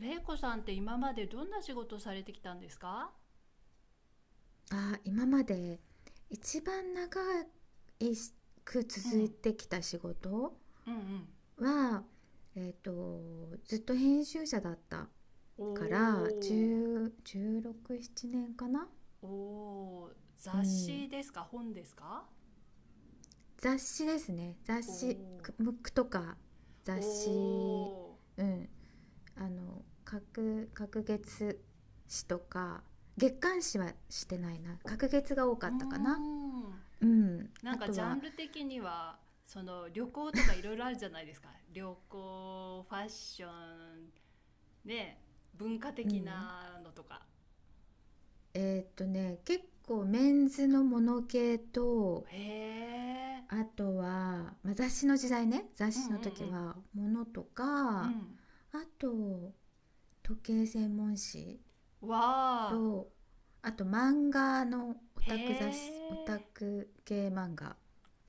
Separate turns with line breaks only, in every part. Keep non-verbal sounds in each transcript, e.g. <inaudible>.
れいこさんって今までどんな仕事されてきたんですか？
今まで一番長く
う
続い
ん、
てきた仕事
うんうん。
は、えっと、ずっと編集者だったから
お
10 16、7年かな。
ー、おー、
う
雑
ん、
誌ですか本ですか？
雑誌ですね。雑
お
誌、
ー、
ムックとか
お
雑誌、
ー、
うん、あの各月誌とか月刊誌はしてないな、各月が多か
うー
ったかな。
ん。
うん、
な
あ
んか
と
ジャ
は、
ンル的には、その旅行とかいろいろあるじゃないですか。旅行、ファッション、ね、文化
う
的
ん、
なのとか。
結構メンズのモノ系と、
へー、
あとは、まあ、雑誌の時代ね、雑
うんう
誌の時
ん、
は、モノと
う
か、あ
ん。
と、時計専門誌
うんわ
と、あと漫画のオ
ー、へ
タク雑
ー。
誌、オタク系漫画。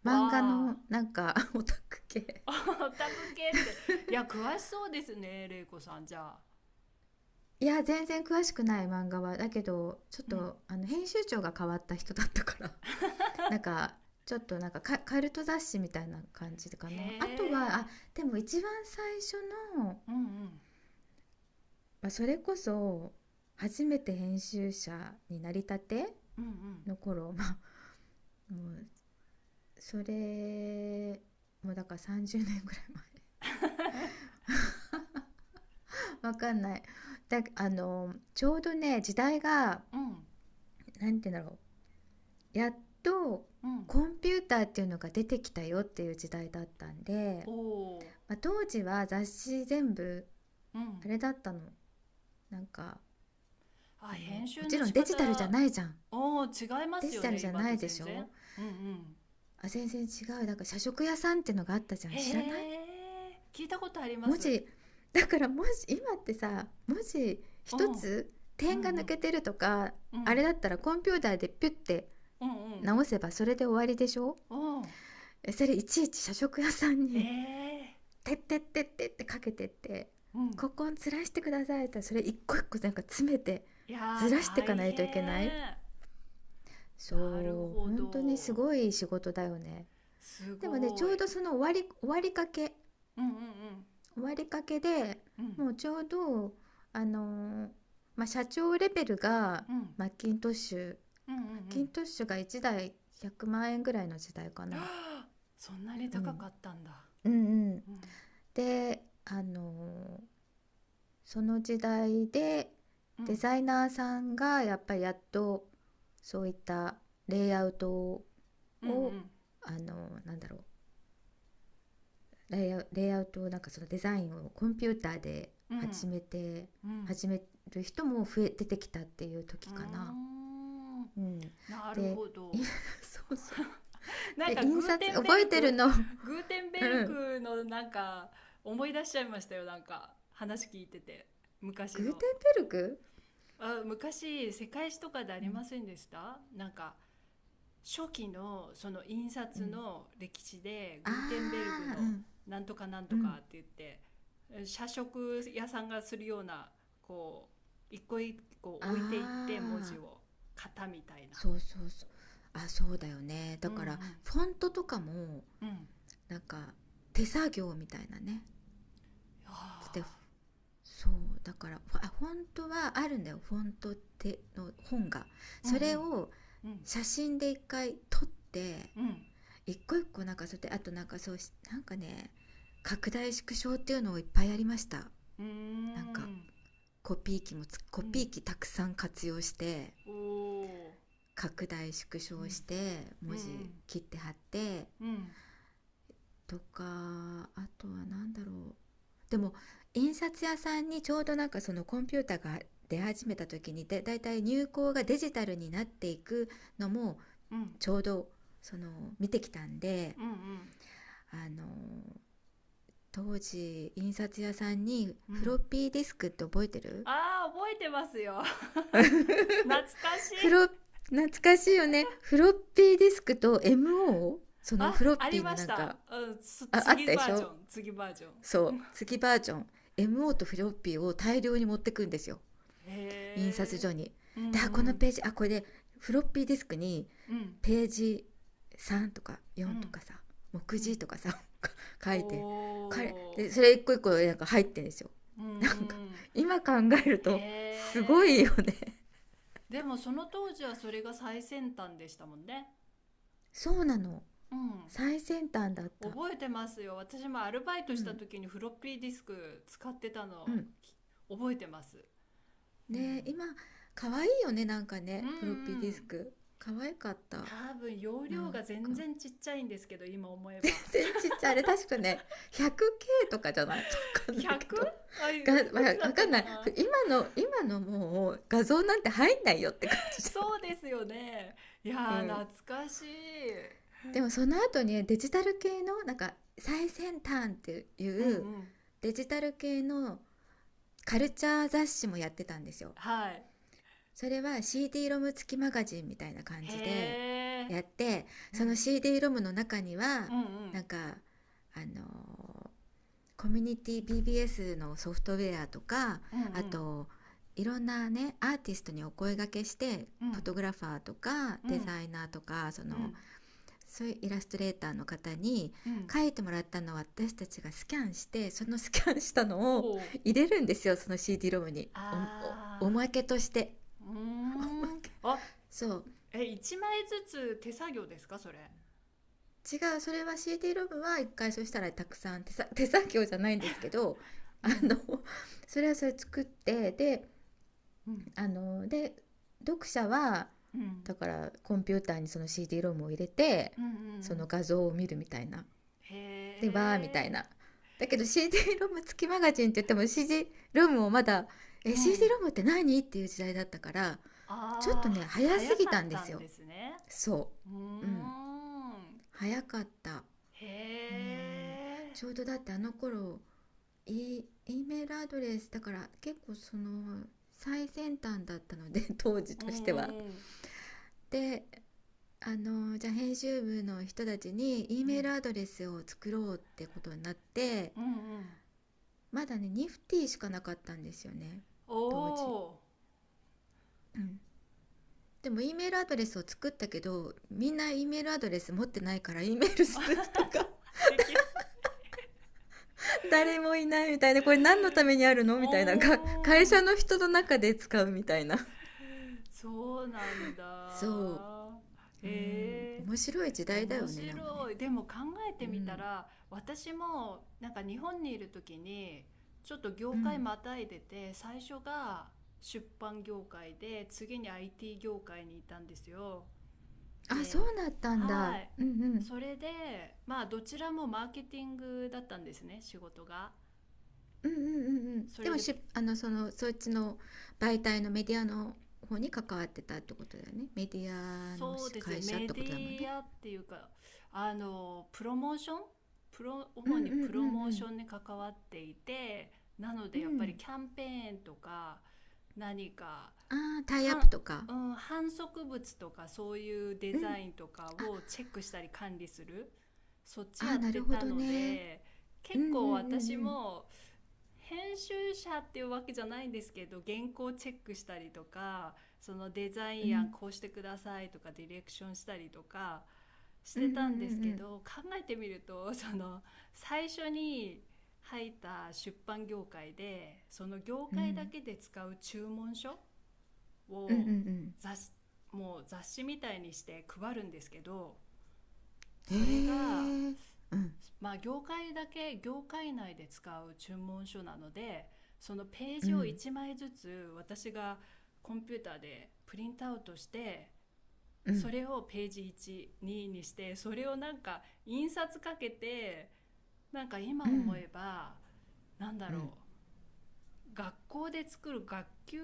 わ
漫画の
あ、
なんか <laughs> オタク系。
オタク系って、いや、詳しそうですね、玲子さん、じゃあ。
いや、全然詳しくない漫画は。だけど、ちょっ
うん。
と、あの、編集長が変わった人だったから、なんかちょっとなんかカカルト雑誌みたいな感じか
へ
な。あとは、あ、
え。
でも一番最初の、ま
うんうん。
あ、それこそ初めて編集者になりたて
うん
の頃 <laughs> まあ、もうそれ、もうだから30年ぐらい前 <laughs> わかんないだ。あのちょうどね、時代が、
うん。
なんて言うんだろう、やっと
うんうん。
コンピューターっていうのが出てきたよっていう時代だったんで、
おお。
まあ、当時は雑誌全部
うん。
あれだったの、なんか、
あ、
あの
編
も
集
ち
の
ろん
仕
デジタルじゃ
方、
ないじゃん。
おお、違いま
デ
す
ジ
よ
タル
ね、
じゃ
今
な
と
いで
全
し
然。
ょ。
うんうん。
全然違う。だから社食屋さんってのがあったじゃん、
へ
知らない？
え。聞いたことありま
文
す。
字だからもし今ってさ、文字
う
一
ん。うん
つ
う
点が抜
ん。
けてるとか、
う
あれ
ん。
だったらコンピューターでピュッて
うん
直せばそれで終わりでしょ。
うん。うん。
それいちいち社食屋さん
え
に
え。
「てってってって」ってかけてって
うん。
「ここをずらしてください」って、それ一個一個なんか詰めて
い
ず
やー、
らしていか
大
ないといけない。
変。なる
そう、
ほ
本当にす
ど。
ごい仕事だよね。
す
でもね、ち
ご
ょ
い。
うどその終わり、
うんうんうん。
終わりかけで、
うん
もうちょうど、あのーまあ、社長レベルが、
うん
マッキントッシュ、
うんうんう
マッキン
ん。
トッシュが1台100万円ぐらいの時代かな。
そんなに
う
高か
ん、
ったんだ。
うんうん。
うん
で、その時代で
う
デ
ん
ザイナーさんがやっぱりやっとそういったレイアウトを、
うん
なんだろう、レイアウトを、なんかそのデザインをコンピューターで
うんうんうん。
始める人も増え出てきたっていう
うー
時かな。
ん。
うん、
なる
で
ほ
<laughs>
ど。
そうそう。
なん
で、
か
印
グーテ
刷
ンベ
覚え
ル
てる
ク
の <laughs> うん。
グーテンベルクのなんか思い出しちゃいましたよ。なんか話聞いてて。昔
グーテン
の。
ベルグ、
あ、昔世界史とかであ
う
りま
ん
せんでしたなんか、初期のその印
う
刷
ん、
の歴史で
あ
グーテンベルグの
ー
なんとかなん
う
と
んう
か
ん、
って言って、え、社食屋さんがするような、こう一個一個
あ
置いていって文字
ー
を型みたいな。
そうそうそう。あ、そうだよね。
う
だ
んう
から
ん、
フォントとかも、
うん、
なんか手作業みたいなね。
は
で、
あ、
そうだから、あ、フォントはあるんだよ、フォントっての、本が。
うんう
それ
ん
を
うん
写真で一回撮って、
うん
一個一個なんかそうやって、あとなんかそうし、なんかね、拡大縮小っていうのをいっぱいやりました。
う
なんか
ん、
コ
うん、
ピー機たくさん活用して、
おお、
拡大縮
う
小し
ん
て
う
文字
ん
切って貼って
うん
とか、あとは何だろう。でも印刷屋さんにちょうどなんかそのコンピューターが出始めた時に、でだいたい入稿がデジタルになっていくのも、
うんうんうん
ちょうどその見てきたんで、
うん
あの、当時印刷屋さんに
う
フロッ
ん、
ピーディスクって覚えてる？
あー覚えてますよ <laughs> 懐かしい。
フロ懐かしいよね、フロッピーディスクと MO。 その
あ、
フロッ
あり
ピー
ま
の
し
なん
た。
か、
うん、つ、
あっ
次
たで
バ
し
ージョン、
ょ。
次バージョン。
そう、月バージョン。 MO とフロッピーを大量に持ってくんですよ、
へ
印刷
え。
所に。
うん
で、
う
この
ん。
ページ、これで、フロッピーディスクに
うん。
ページ3とか
う
4と
ん。
かさ、目
うん。
次とかさ <laughs> 書いて、これ
おー。
でそれ一個一個なんか入ってるんですよ。
うんう
なんか
ん。
今考えると
へ
すごい
え。
よね
でもその当時はそれが最先端でしたもんね。
<laughs>。そうなの、
うん。
最先端だった。
覚えてますよ。私もアルバイ
う
トした
ん
時にフロッピーディスク使ってた
う
の
ん。
き、覚えてます。う
ね、
ん。
今可愛いよね、なんか
うん
ね、フロッピー
う
ディス
ん。
ク可愛かった。
多分容
な
量
ん
が
か
全然ちっちゃいんですけど、今思え
全
ば。
然ちっちゃい。あれ確かね、100K とかじゃない <laughs> わかんないけ
100？
ど。
あ、い
が、
く
わ
つだっ
か
た
んな
か
い。
な。
今のもう画像なんて入んないよって感じだよ
そうで
ね。
すよね。いや
う
ー、
ん。
懐かしい。
でもその後にね、デジタル系の、なんか最先端ってい
うんう
う
ん。
デジタル系のカルチャー雑誌もやってたんですよ。
はい。
それは CD ロム付きマガジンみたいな感
へ
じで
え。
やって、
う
その
ん。
CD ロムの中には、
うんうん。
なんか、あのーコミュニティ BBS のソフトウェアとか、
うんう
あ
ん。
と、いろんなねアーティストにお声掛けして、
う
フォ
ん。
トグラファーとかデザイナーとか、
うん。
そういうイラストレーターの方に
うん。
書いてもらったのを私たちがスキャンして、そのスキャンした
お
のを
おー。
入れるんですよ、その CD ロムに。お
あ
まけとして
ー。うー
<laughs> おま
ん。
け。
あ、
そう、
え、1枚ずつ手作業ですかそれ？
違う、それは CD ロムは一回そしたらたくさん、手作業じゃないんですけど、
う
あ
ん。
の、それ作って、で、
うん。
あの、で、読者は、
うん。
だからコンピューターにその CD ロムを入れて、
うんうんう
その
ん。
画像を見るみたいな、
へ
でわーみたい
え。
な。だけど CD ロム付きマガジンって言っても、 CD ロムをまだ、
う
え、 CD
ん。
ロムって何っていう時代だったから、ちょっと
あー、
ね
は
早す
早
ぎ
か
た
っ
んで
た
す
ん
よ、
ですね。
そ
うー
う、うん
ん。
早かった。
へ
うん、
え。
ちょうどだってあの頃、 E メールアドレスだから、結構その最先端だったので <laughs> 当時
うん
としては。
うん
で、あの、じゃあ編集部の人たちに E
う
メー
ん。
ルアドレスを作ろうってことになって、
うんうん、
まだねニフティしかなかったんですよね
お
当時。
お
うん、でも E メールアドレスを作ったけど、みんな E メールアドレス持ってないから E メールする人が
ーできる。
<laughs> 誰もいないみたいな、これ何のためにあるの
お
みたいな、
ー
会社
ん。
の人の中で使うみたいな。
そうなんだ。
そう、うん、
へえ。
面白い時代だ
面
よね、でもね。
白い。でも考え
う
てみた
ん
ら、私もなんか日本にいる時に、ちょっと業
う
界
ん、
またいでて、最初が出版業界で、次に IT 業界にいたんですよ。
あ、そ
で、
うなったん
は
だ。
い。
うんうん
それで、まあ、どちらもマーケティングだったんですね、仕事が。
うんうんうんうん。
そ
で
れ
も
で、
し、あの、そっちの媒体のメディアの方に関わってたってことだよね。メディアの、
そうですね、
会社っ
メ
て
デ
ことだもんね。
ィアっていうか、あの、プロモーションプロ、
うん
主
う
に
んう
プロモーシ
ん
ョンに関わっていて、なの
う
で
ん
やっ
う
ぱり
ん、
キャンペーンとか、何か
あ、あータイアッ
は、
プとか、
うん、販促物とかそういうデ
うん、
ザインとか
あ、
をチェックしたり管理する、そっち
あ
や
ー
っ
な
て
るほ
た
ど
の
ね。
で、
う
結
んうんうん
構私
うん
も編集者っていうわけじゃないんですけど、原稿チェックしたりとか、そのデザ
う
イン案
ん
こうしてくださいとか、ディレクションしたりとかし
うんう
てたんですけ
ん
ど、考えてみると、その最初に入った出版業界で、その業
う
界だ
ん
けで使う注文書
うんうんうんう
を、
んうん、
雑もう雑誌みたいにして配るんですけど、
へえ、
それが、
うん
まあ、業界内で使う注文書なので、そのペー
う
ジを
ん
1枚ずつ私がコンピューターでプリントアウトして、
う
そ
ん
れをページ12ににしてそれをなんか印刷かけて、なんか
うん
今
う
思
ん
えば、なんだ
うん
ろ学校で作る学級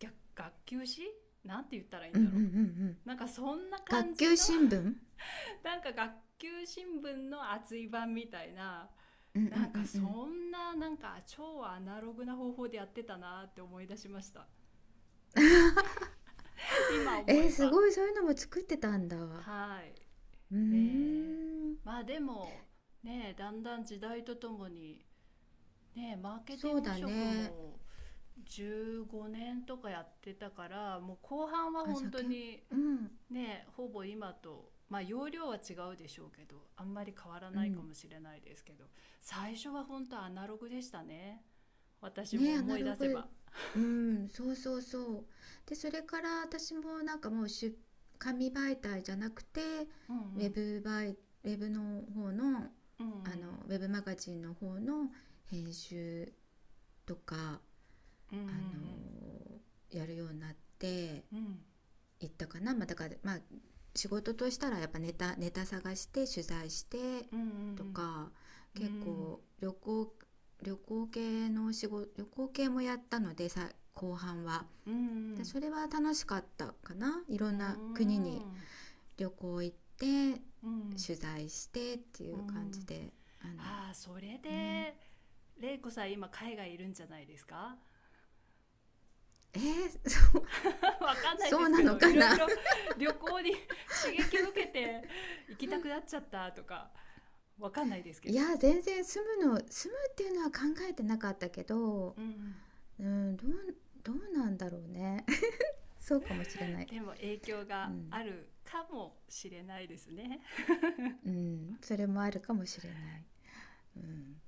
学学級誌、なんて言ったらいい
う
ん
んう
だ
んう
ろ
ん、
う、なんかそんな感
学
じ
級
の
新聞、うん
<laughs> なんか学級新聞の厚い版みたいな、
うん
なん
う
か
んうん、
そんななんか超アナログな方法でやってたなって思い出しました、今思え
す
ば。
ごい、そういうのも作ってたんだ。
はい。
うー
ねえ。
ん、
まあでもねえ、だんだん時代とともにねえ、マーケティ
そ
ン
う
グ
だ
職
ね。
も15年とかやってたから、もう後半は
あ、じ
本
ゃあ
当
け、
に
うん、
ね、ほぼ今とまあ容量は違うでしょうけどあんまり変わら
う
ないか
ん。
もしれないですけど、最初は本当アナログでしたね、私も
ね、ア
思
ナ
い
ロ
出せ
グ、
ば。
うん、そうそうそう。で、それから私もなんかもう紙媒体じゃなくて、
うんう
ウェ
ん
ブ媒、ウェブの方の、
う
あ
ん
の、ウェブマガジンの方の編集とか、
う
あの、
ん
やるようになって
うん
行ったかな。まあ、だからまあ仕事としたら、やっぱネタ探して取材して
うんう
と
ん
か、
う
結
ん
構旅行系の仕事、旅行系もやったのでさ、後半は。
うんうんうんうんう
で
ん
それは楽しかったかな。いろんな国に旅行行って
うん
取材してってい
う
う感じ
ん。
で、あの
ああそれ
ね。
で、玲子さん今海外いるんじゃないですか？
えー、<laughs> そう、
<laughs> わかんない
そ
で
う
す
な
け
の
ど、い
か
ろい
な。
ろ <laughs> 旅行に <laughs> 刺激を受けて行きたくなっちゃったとか、わかんないですけ
い
ど。
や、全然住むっていうのは考えてなかったけど。
うんうん。
うん、どうなんだろうね <laughs> そうかもしれない。
でも影響
う
が
ん、
あるかもしれないですね。
うん、それもあるかもしれない、うん、